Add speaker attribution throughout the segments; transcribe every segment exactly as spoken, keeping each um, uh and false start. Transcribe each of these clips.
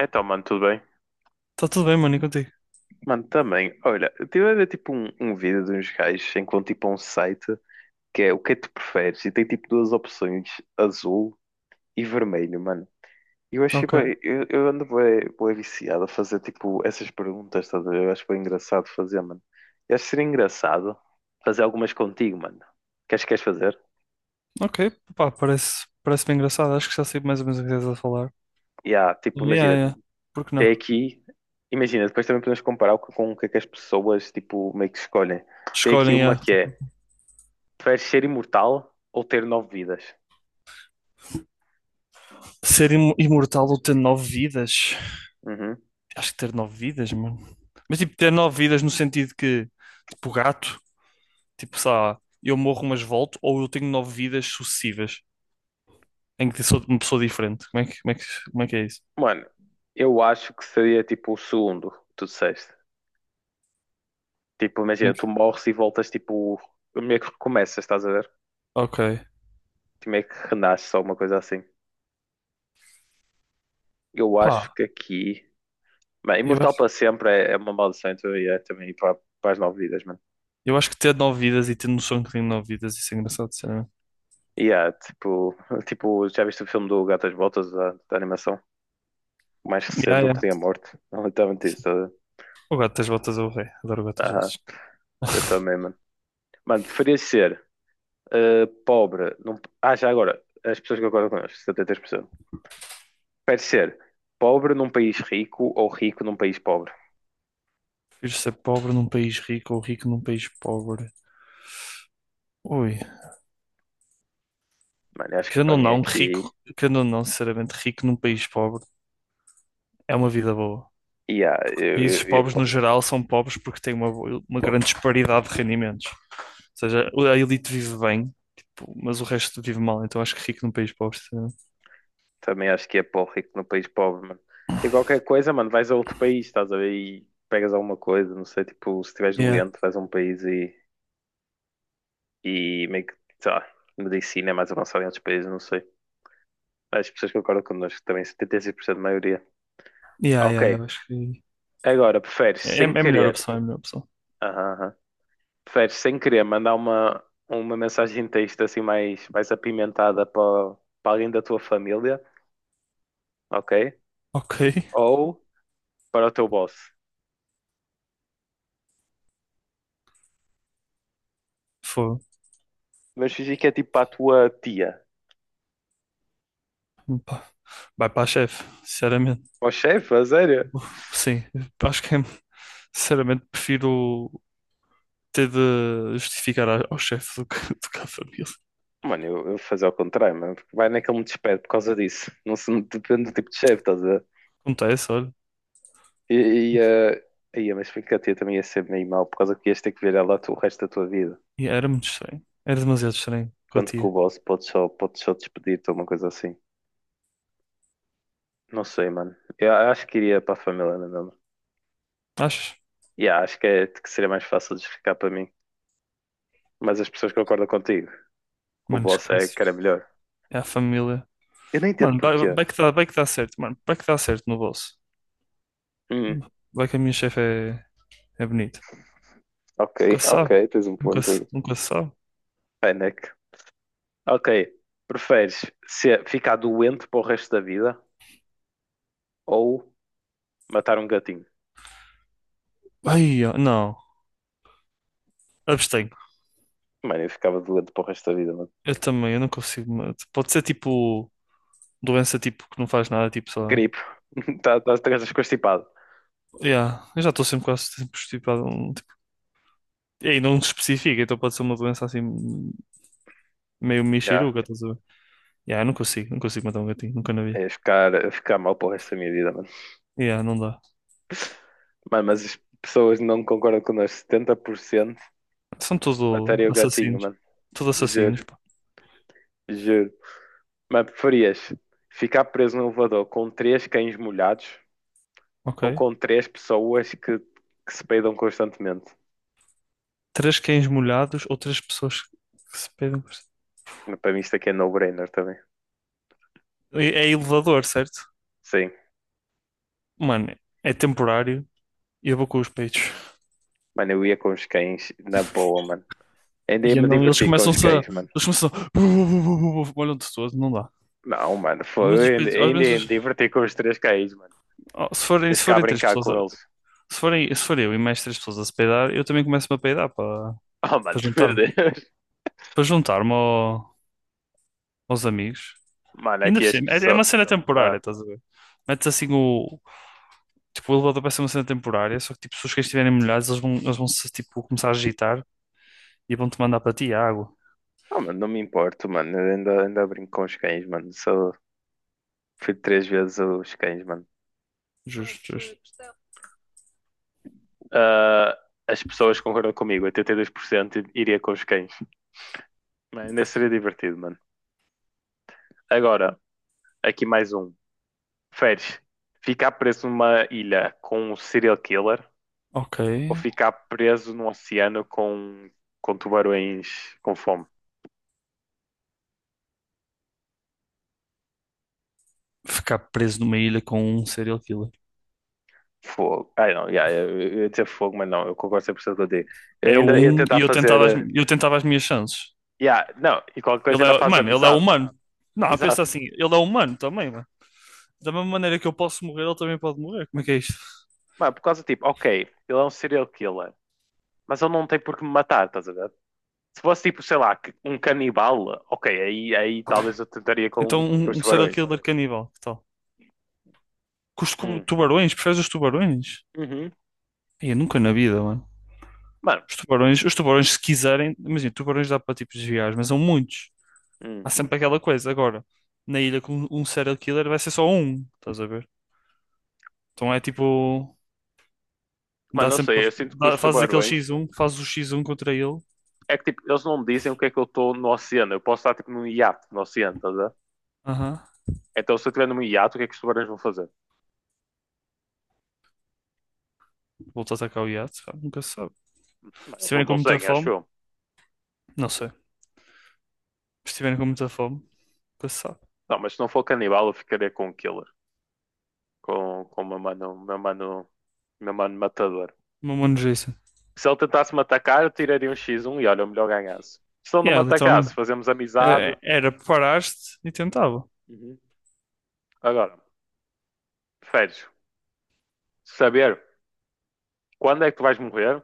Speaker 1: Então, mano, tudo bem?
Speaker 2: Tá tudo bem, mano, e contigo?
Speaker 1: Mano, também. Olha, eu estive a ver tipo um, um vídeo de uns gajos, enquanto tipo a um site que é o que é que tu preferes e tem tipo duas opções, azul e vermelho, mano. E eu achei,
Speaker 2: Ok,
Speaker 1: bué- eu, eu ando bué, bué viciado a fazer tipo essas perguntas, estás a ver? Eu acho bem engraçado fazer, mano. Eu acho que seria engraçado fazer algumas contigo, mano. Queres, queres fazer?
Speaker 2: ok, pá, parece, parece bem engraçado. Acho que já sei mais ou menos o que estás a falar.
Speaker 1: E há, tipo,
Speaker 2: Yeah,
Speaker 1: imagina,
Speaker 2: yeah. Por que
Speaker 1: até
Speaker 2: não?
Speaker 1: aqui, imagina, depois também podemos comparar o que- com o que é que as pessoas tipo meio que escolhem. Tem aqui
Speaker 2: Escolhem,
Speaker 1: uma
Speaker 2: yeah.
Speaker 1: que
Speaker 2: Tipo,
Speaker 1: é. Preferes ser imortal ou ter nove vidas?
Speaker 2: ser im- imortal ou ter nove vidas?
Speaker 1: Uhum.
Speaker 2: Acho que ter nove vidas, mano. Mas tipo, ter nove vidas no sentido que, tipo, gato, tipo, sei lá, eu morro mas volto, ou eu tenho nove vidas sucessivas, em que sou uma pessoa diferente. Como é que, como é que, como é que é isso?
Speaker 1: Mano, eu acho que seria tipo o segundo, que tu disseste. Tipo,
Speaker 2: Em
Speaker 1: imagina,
Speaker 2: que-
Speaker 1: tu morres e voltas tipo. Meio que recomeças, estás a ver?
Speaker 2: Ok,
Speaker 1: Tipo, meio que renasces, alguma coisa assim. Eu acho
Speaker 2: pá,
Speaker 1: que aqui. Bem,
Speaker 2: eu
Speaker 1: imortal
Speaker 2: acho,
Speaker 1: para sempre é, é uma maldição, então é também para, para as nove vidas, mano.
Speaker 2: eu acho que ter nove vidas e ter noção que tenho nove vidas, isso é engraçado, sinceramente.
Speaker 1: E é tipo, tipo, já viste o filme do Gato às Botas, da, da animação? Mais recente do que tinha morte. Não, literalmente isso. Tá a ver?
Speaker 2: O Gato das Botas é o rei. Adoro o Gato das
Speaker 1: Aham,
Speaker 2: Botas.
Speaker 1: eu também, mano. Mano, preferias ser eh, pobre. Num... Ah, já agora, as pessoas que concordam connosco, setenta e três por cento. Prefere ser pobre num país rico ou rico num país pobre?
Speaker 2: Prefiro ser pobre num país rico ou rico num país pobre. Ui.
Speaker 1: Mano, eu acho que
Speaker 2: Querendo
Speaker 1: para
Speaker 2: ou
Speaker 1: mim
Speaker 2: não,
Speaker 1: aqui.
Speaker 2: rico, querendo ou não, sinceramente, rico num país pobre é uma vida boa.
Speaker 1: Yeah, eu, eu,
Speaker 2: Países
Speaker 1: eu, ia
Speaker 2: pobres,
Speaker 1: para.
Speaker 2: no geral, são pobres porque têm uma, bo- uma grande disparidade de rendimentos. Ou seja, a elite vive bem, tipo, mas o resto vive mal. Então acho que rico num país pobre, sinceramente.
Speaker 1: Também acho que é para o rico num país pobre, mano. E qualquer coisa, mano, vais a outro país, estás a ver? E pegas alguma coisa, não sei, tipo, se estiveres
Speaker 2: Yeah.
Speaker 1: doente, vais a um país e, e meio que, sei lá, medicina é mais avançada em outros países, não sei. As pessoas que concordam connosco também, setenta e seis por cento da maioria.
Speaker 2: Yeah, yeah, yeah,
Speaker 1: Ok.
Speaker 2: eu acho que
Speaker 1: Agora, preferes
Speaker 2: é, é
Speaker 1: sem
Speaker 2: a melhor
Speaker 1: querer.
Speaker 2: opção, é a melhor opção.
Speaker 1: Aham, aham. Preferes, sem querer, mandar uma, uma mensagem de texto assim mais, mais apimentada para, para alguém da tua família, ok?
Speaker 2: Ok.
Speaker 1: Ou para o teu boss.
Speaker 2: Foi.
Speaker 1: Mas fingir que é tipo para a tua tia.
Speaker 2: Vai para a chefe, sinceramente.
Speaker 1: Ó chefe, a sério?
Speaker 2: Sim, acho que é sinceramente, prefiro ter de justificar a- ao chefe do que, do que à família.
Speaker 1: Mano, eu, eu vou fazer ao contrário, mano. Porque vai naquele me despede por causa disso. Não se depende do tipo de chefe, estás a ver?
Speaker 2: Acontece, olha.
Speaker 1: E, e, eh, ia, mas porque a tia também ia ser meio mal, por causa que ias ter que ver ela tu- o resto da tua vida.
Speaker 2: E era muito estranho. Era demasiado estranho com a
Speaker 1: Enquanto que o
Speaker 2: tia.
Speaker 1: boss pode só, pode só despedir-te ou uma coisa assim. Não sei, mano. Eu acho que iria para a família, não é mesmo?
Speaker 2: Achas?
Speaker 1: Yeah, acho que, é, que seria mais fácil de explicar para mim. Mas as pessoas concordam contigo, que o
Speaker 2: Mano,
Speaker 1: boss é
Speaker 2: esquece.
Speaker 1: que era melhor.
Speaker 2: É a família.
Speaker 1: Eu não entendo
Speaker 2: Mano, vai,
Speaker 1: porquê.
Speaker 2: vai que dá, vai que dá certo, mano. Vai que dá certo no bolso.
Speaker 1: Hum,
Speaker 2: Vai que a minha chefe é, é bonita.
Speaker 1: ok,
Speaker 2: Nunca se sabe.
Speaker 1: ok, tens um
Speaker 2: Nunca,
Speaker 1: ponto
Speaker 2: se-
Speaker 1: aí.
Speaker 2: nunca se sabe.
Speaker 1: Fennec. Ok, preferes ser, ficar doente para o resto da vida ou matar um gatinho?
Speaker 2: Ai, ó, não. Abstenho.
Speaker 1: Mano, eu ficava doente para o resto da vida, mano.
Speaker 2: Eu também, eu não consigo. Mas pode ser tipo doença tipo que não faz nada, tipo só.
Speaker 1: Gripe. Tá, tá, estás constipado.
Speaker 2: Yeah, eu já estou sempre quase sempre estipado. E aí não especifica, então pode ser uma doença assim meio
Speaker 1: Já,
Speaker 2: mexeruca, estás a ver? Yeah, eu não consigo, não consigo matar um gatinho, nunca na vi.
Speaker 1: é ficar, é ficar mal para o resto da minha vida, mano.
Speaker 2: Yeah, não dá.
Speaker 1: Mano, mas as pessoas não concordam connosco. Setenta por cento
Speaker 2: São tudo
Speaker 1: mataria o gatinho,
Speaker 2: assassinos.
Speaker 1: mano.
Speaker 2: Tudo
Speaker 1: Juro,
Speaker 2: assassinos, pá.
Speaker 1: juro. Mas preferias ficar preso num elevador com três cães molhados ou
Speaker 2: Ok.
Speaker 1: com três pessoas que, que se peidam constantemente?
Speaker 2: Três cães molhados ou três pessoas que se pedem por... si.
Speaker 1: Mas para mim isto aqui é no-brainer também.
Speaker 2: É é elevador, certo?
Speaker 1: Sim,
Speaker 2: Mano, é temporário e eu vou com os peitos.
Speaker 1: mano, eu ia com os cães na boa, mano. Ainda ia
Speaker 2: E
Speaker 1: me
Speaker 2: não, eles
Speaker 1: divertir com os
Speaker 2: começam-se a...
Speaker 1: cães, mano.
Speaker 2: Eles começam a... Molham-te todo, não dá.
Speaker 1: Não, mano,
Speaker 2: Ao menos os
Speaker 1: foi, ainda,
Speaker 2: peitos... Ao
Speaker 1: ainda
Speaker 2: menos
Speaker 1: ia me
Speaker 2: os-
Speaker 1: divertir com os três cães, mano.
Speaker 2: oh, se forem,
Speaker 1: Ia
Speaker 2: se
Speaker 1: ficar a
Speaker 2: forem três
Speaker 1: brincar
Speaker 2: pessoas...
Speaker 1: com
Speaker 2: a-
Speaker 1: eles.
Speaker 2: Se forem, se for eu e mais três pessoas a se peidar, eu também começo-me a peidar, pá.
Speaker 1: Oh, mano,
Speaker 2: Para
Speaker 1: meu
Speaker 2: juntar-me.
Speaker 1: Deus.
Speaker 2: Para juntar-me ao- aos amigos.
Speaker 1: Mano,
Speaker 2: E ainda
Speaker 1: aqui
Speaker 2: por
Speaker 1: as
Speaker 2: cima, é, é
Speaker 1: pessoas.
Speaker 2: uma cena temporária,
Speaker 1: Ah,
Speaker 2: estás a ver? Metes assim o. Tipo, o elevador vai ser uma cena temporária, só que tipo, se os cães estiverem molhados, eles vão, eles vão se tipo, começar a agitar e vão-te mandar para ti água.
Speaker 1: Ah, mano, não me importo, mano. Eu ainda, ainda brinco com os cães, mano. Sou... Fui três vezes os cães, mano.
Speaker 2: Justo, justo.
Speaker 1: Ah, as pessoas concordam comigo, oitenta e dois por cento iria com os cães. Mano, ainda seria divertido, mano. Agora, aqui mais um. Feres, ficar preso numa ilha com um serial killer
Speaker 2: Ok.
Speaker 1: ou ficar preso num oceano com, com tubarões com fome?
Speaker 2: Ficar preso numa ilha com um serial killer.
Speaker 1: Fogo. Ai não, yeah, eu, eu ia dizer fogo, mas não, eu concordo cem por cento contigo. Eu
Speaker 2: É
Speaker 1: ainda ia
Speaker 2: um e
Speaker 1: tentar
Speaker 2: eu
Speaker 1: fazer.
Speaker 2: tentava as,
Speaker 1: eh,
Speaker 2: mi- eu tentava as minhas chances.
Speaker 1: Yeah, não, e qualquer coisa
Speaker 2: Ele
Speaker 1: ainda
Speaker 2: é,
Speaker 1: fazes
Speaker 2: mano, ele é
Speaker 1: amizade, mano.
Speaker 2: humano. Não, pensa
Speaker 1: Exato.
Speaker 2: assim, ele é humano também, mano. Da mesma maneira que eu posso morrer, ele também pode morrer. Como é que é isto?
Speaker 1: Mano, por causa tipo, ok, ele é um serial killer, mas ele não tem por que me matar, estás a ver? Se fosse tipo, sei lá, que- um canibal, ok, aí, aí talvez eu tentaria com,
Speaker 2: Então,
Speaker 1: com
Speaker 2: um,
Speaker 1: os
Speaker 2: um serial
Speaker 1: tubarões.
Speaker 2: killer caníbal, que tal? Com os tu-
Speaker 1: Hum.
Speaker 2: tubarões, preferes os tubarões?
Speaker 1: Uhum.
Speaker 2: Ai, nunca na vida, mano.
Speaker 1: Mano,
Speaker 2: Os tubarões, os tubarões, se quiserem, imagina, tubarões dá para tipo desviar, mas são muitos.
Speaker 1: hum.
Speaker 2: Há sempre aquela coisa. Agora, na ilha com um serial killer vai ser só um, estás a ver? Então é tipo, dá
Speaker 1: Mano, não
Speaker 2: sempre, pra-
Speaker 1: sei, eu sinto que os
Speaker 2: dá, fazes aquele
Speaker 1: tubarões
Speaker 2: xis um, fazes o xis um contra ele.
Speaker 1: é que tipo, eles não me dizem o que é que eu estou no oceano. Eu posso estar tipo num iate no oceano, estás a ver?
Speaker 2: Aham.
Speaker 1: Então se eu estiver num iate, o que é que os tubarões vão fazer?
Speaker 2: Volta a atacar o iate, pá, nunca se sabe. Se
Speaker 1: Mano, eles não
Speaker 2: estiverem com muita
Speaker 1: conseguem, acho
Speaker 2: fome,
Speaker 1: eu.
Speaker 2: não sei. Se estiverem com muita fome, nunca se sabe.
Speaker 1: Não, mas se não for canibal, eu ficaria com o killer, com, com o meu mano, meu mano, meu mano matador.
Speaker 2: Uma mano Jason.
Speaker 1: Se ele tentasse me atacar, eu tiraria um x um e olha, o melhor ganhasse. Se ele não me
Speaker 2: Yeah,
Speaker 1: atacasse,
Speaker 2: literalmente.
Speaker 1: fazemos amizade.
Speaker 2: É, Era, preparaste e tentava.
Speaker 1: Uhum. Agora, preferes saber quando é que tu vais morrer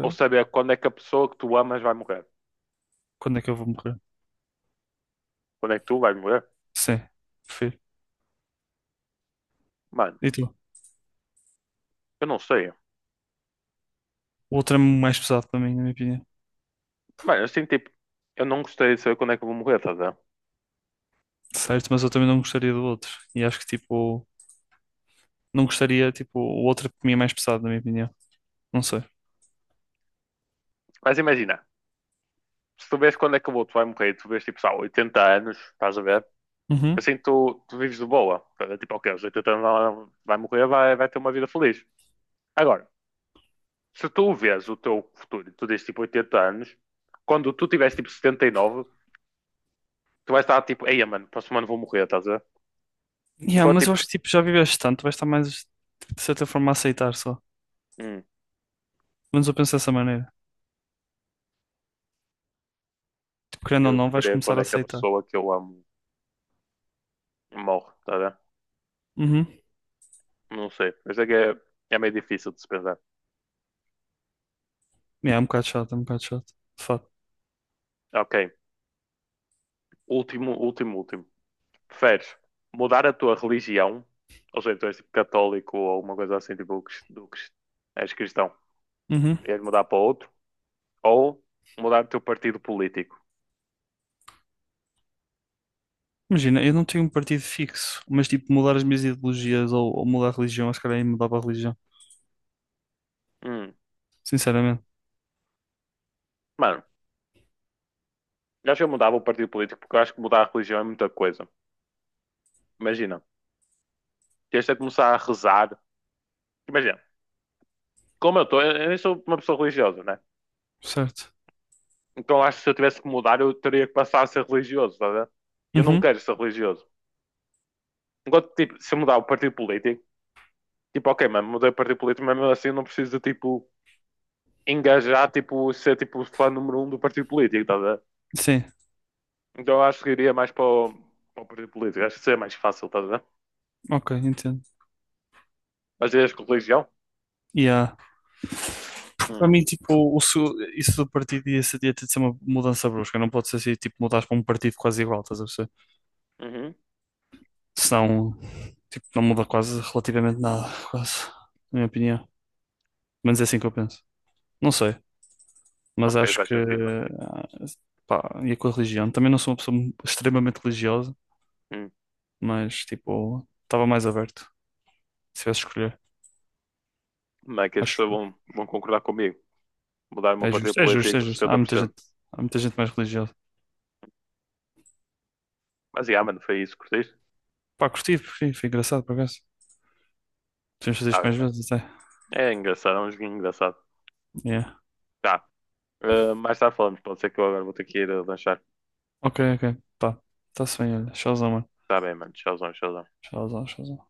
Speaker 1: ou saber quando é que a pessoa que tu amas vai morrer?
Speaker 2: Quando é que eu vou morrer?
Speaker 1: Quando é que tu vais morrer?
Speaker 2: Sim, prefiro.
Speaker 1: Mano,
Speaker 2: E tu?
Speaker 1: eu não sei.
Speaker 2: O outro é mais pesado para mim, na minha opinião.
Speaker 1: Mano, assim, tipo, eu não gostaria de saber quando é que eu vou morrer, estás a ver?
Speaker 2: Certo, mas eu também não gostaria do outro. E acho que, tipo, não gostaria, tipo, o outro é para mim é mais pesado, na minha opinião. Não sei.
Speaker 1: Mas imagina, se tu vês quando é que o outro vai morrer, e tu vês tipo, sei lá, oitenta anos, estás a ver?
Speaker 2: Uhum.
Speaker 1: Assim tu, tu vives de boa. É tipo, ok, aos oitenta anos ela vai morrer, vai, vai ter uma vida feliz. Agora, se tu vês o teu futuro e tu dizes tipo oitenta anos, quando tu tiveres tipo setenta e nove, tu vais estar tipo, ei, mano, próximo ano vou morrer, estás a ver?
Speaker 2: Yeah,
Speaker 1: Enquanto
Speaker 2: mas eu
Speaker 1: tipo,
Speaker 2: acho que, tipo, já viveste tanto, vais estar mais, tipo, de certa forma, a aceitar só.
Speaker 1: Hum,
Speaker 2: Mas eu penso dessa maneira. Tipo, querendo ou
Speaker 1: eu
Speaker 2: não, vais
Speaker 1: preferia
Speaker 2: começar
Speaker 1: quando
Speaker 2: a
Speaker 1: é que a
Speaker 2: aceitar.
Speaker 1: pessoa que eu amo morre, tá a ver?
Speaker 2: Uhum.
Speaker 1: Não sei. Mas é que é, é meio difícil de se pensar.
Speaker 2: Yeah, é um bocado chato, é um bocado chato. De fato.
Speaker 1: Ok. Último, último, último. Preferes mudar a tua religião? Ou seja, tu és tipo católico ou alguma coisa assim, tipo, crist- do crist- és cristão.
Speaker 2: Uhum.
Speaker 1: Ias mudar para outro? Ou mudar o teu partido político?
Speaker 2: Imagina, eu não tenho um partido fixo, mas, tipo, mudar as minhas ideologias ou, ou mudar a religião, acho que calhar aí mudava a religião.
Speaker 1: Hum,
Speaker 2: Sinceramente.
Speaker 1: mano, eu acho que eu mudava o partido político porque eu acho que mudar a religião é muita coisa. Imagina, tens de começar a rezar. Imagina, como eu estou, eu eu nem sou uma pessoa religiosa, né?
Speaker 2: Certo.
Speaker 1: Então acho que se eu tivesse que mudar, eu teria que passar a ser religioso, tá a ver? Eu não
Speaker 2: Uhum.
Speaker 1: quero ser religioso. Enquanto, tipo, se eu mudar o partido político, tipo, ok, mano, mudei o partido político, mas mesmo assim eu não preciso, de, tipo, engajar, tipo, ser, tipo, fã número um do partido político, tá a ver?
Speaker 2: Sim.
Speaker 1: Então eu acho que iria mais para o, para o, partido político, acho que seria mais fácil, tá a ver?
Speaker 2: Ok, entendo.
Speaker 1: Mas irias com religião?
Speaker 2: Yeah.
Speaker 1: Hum.
Speaker 2: Para mim, tipo, o su- isso do partido ia, ser- ia ter de ser uma mudança brusca. Não pode ser assim, tipo, mudares para um partido quase igual, estás a perceber?
Speaker 1: Uhum.
Speaker 2: Senão, tipo, não muda quase relativamente nada, quase, na minha opinião. Mas é assim que eu penso. Não sei, mas
Speaker 1: Ok,
Speaker 2: acho
Speaker 1: faz
Speaker 2: que,
Speaker 1: sentido, mano.
Speaker 2: ah, pá, ia com a religião. Também não sou uma pessoa mu- extremamente religiosa,
Speaker 1: Hum.
Speaker 2: mas, tipo, estava mais aberto, se tivesse de escolher.
Speaker 1: Não é que as
Speaker 2: Acho
Speaker 1: pessoas
Speaker 2: que
Speaker 1: vão, vão concordar comigo. Mudar o meu
Speaker 2: é
Speaker 1: partido
Speaker 2: justo, é justo, é
Speaker 1: político
Speaker 2: justo. Há muita
Speaker 1: setenta por cento.
Speaker 2: gente, há muita gente mais religiosa.
Speaker 1: Mas, yeah, mano, foi isso, curtiste?
Speaker 2: Pá, curti, curti, foi engraçado, por acaso. Podemos fazer
Speaker 1: Tá
Speaker 2: isto
Speaker 1: bem,
Speaker 2: mais
Speaker 1: mano.
Speaker 2: vezes, até.
Speaker 1: É engraçado, é um joguinho engraçado.
Speaker 2: Yeah.
Speaker 1: Tá. Uh, mais tarde falamos, pode ser que eu agora vou ter que ir a lanchar.
Speaker 2: Ok, ok. Tá. Tá-se bem, olha. Showzão, mano.
Speaker 1: Está bem, mano. Tchauzão, tchauzão.
Speaker 2: Showzão, showzão.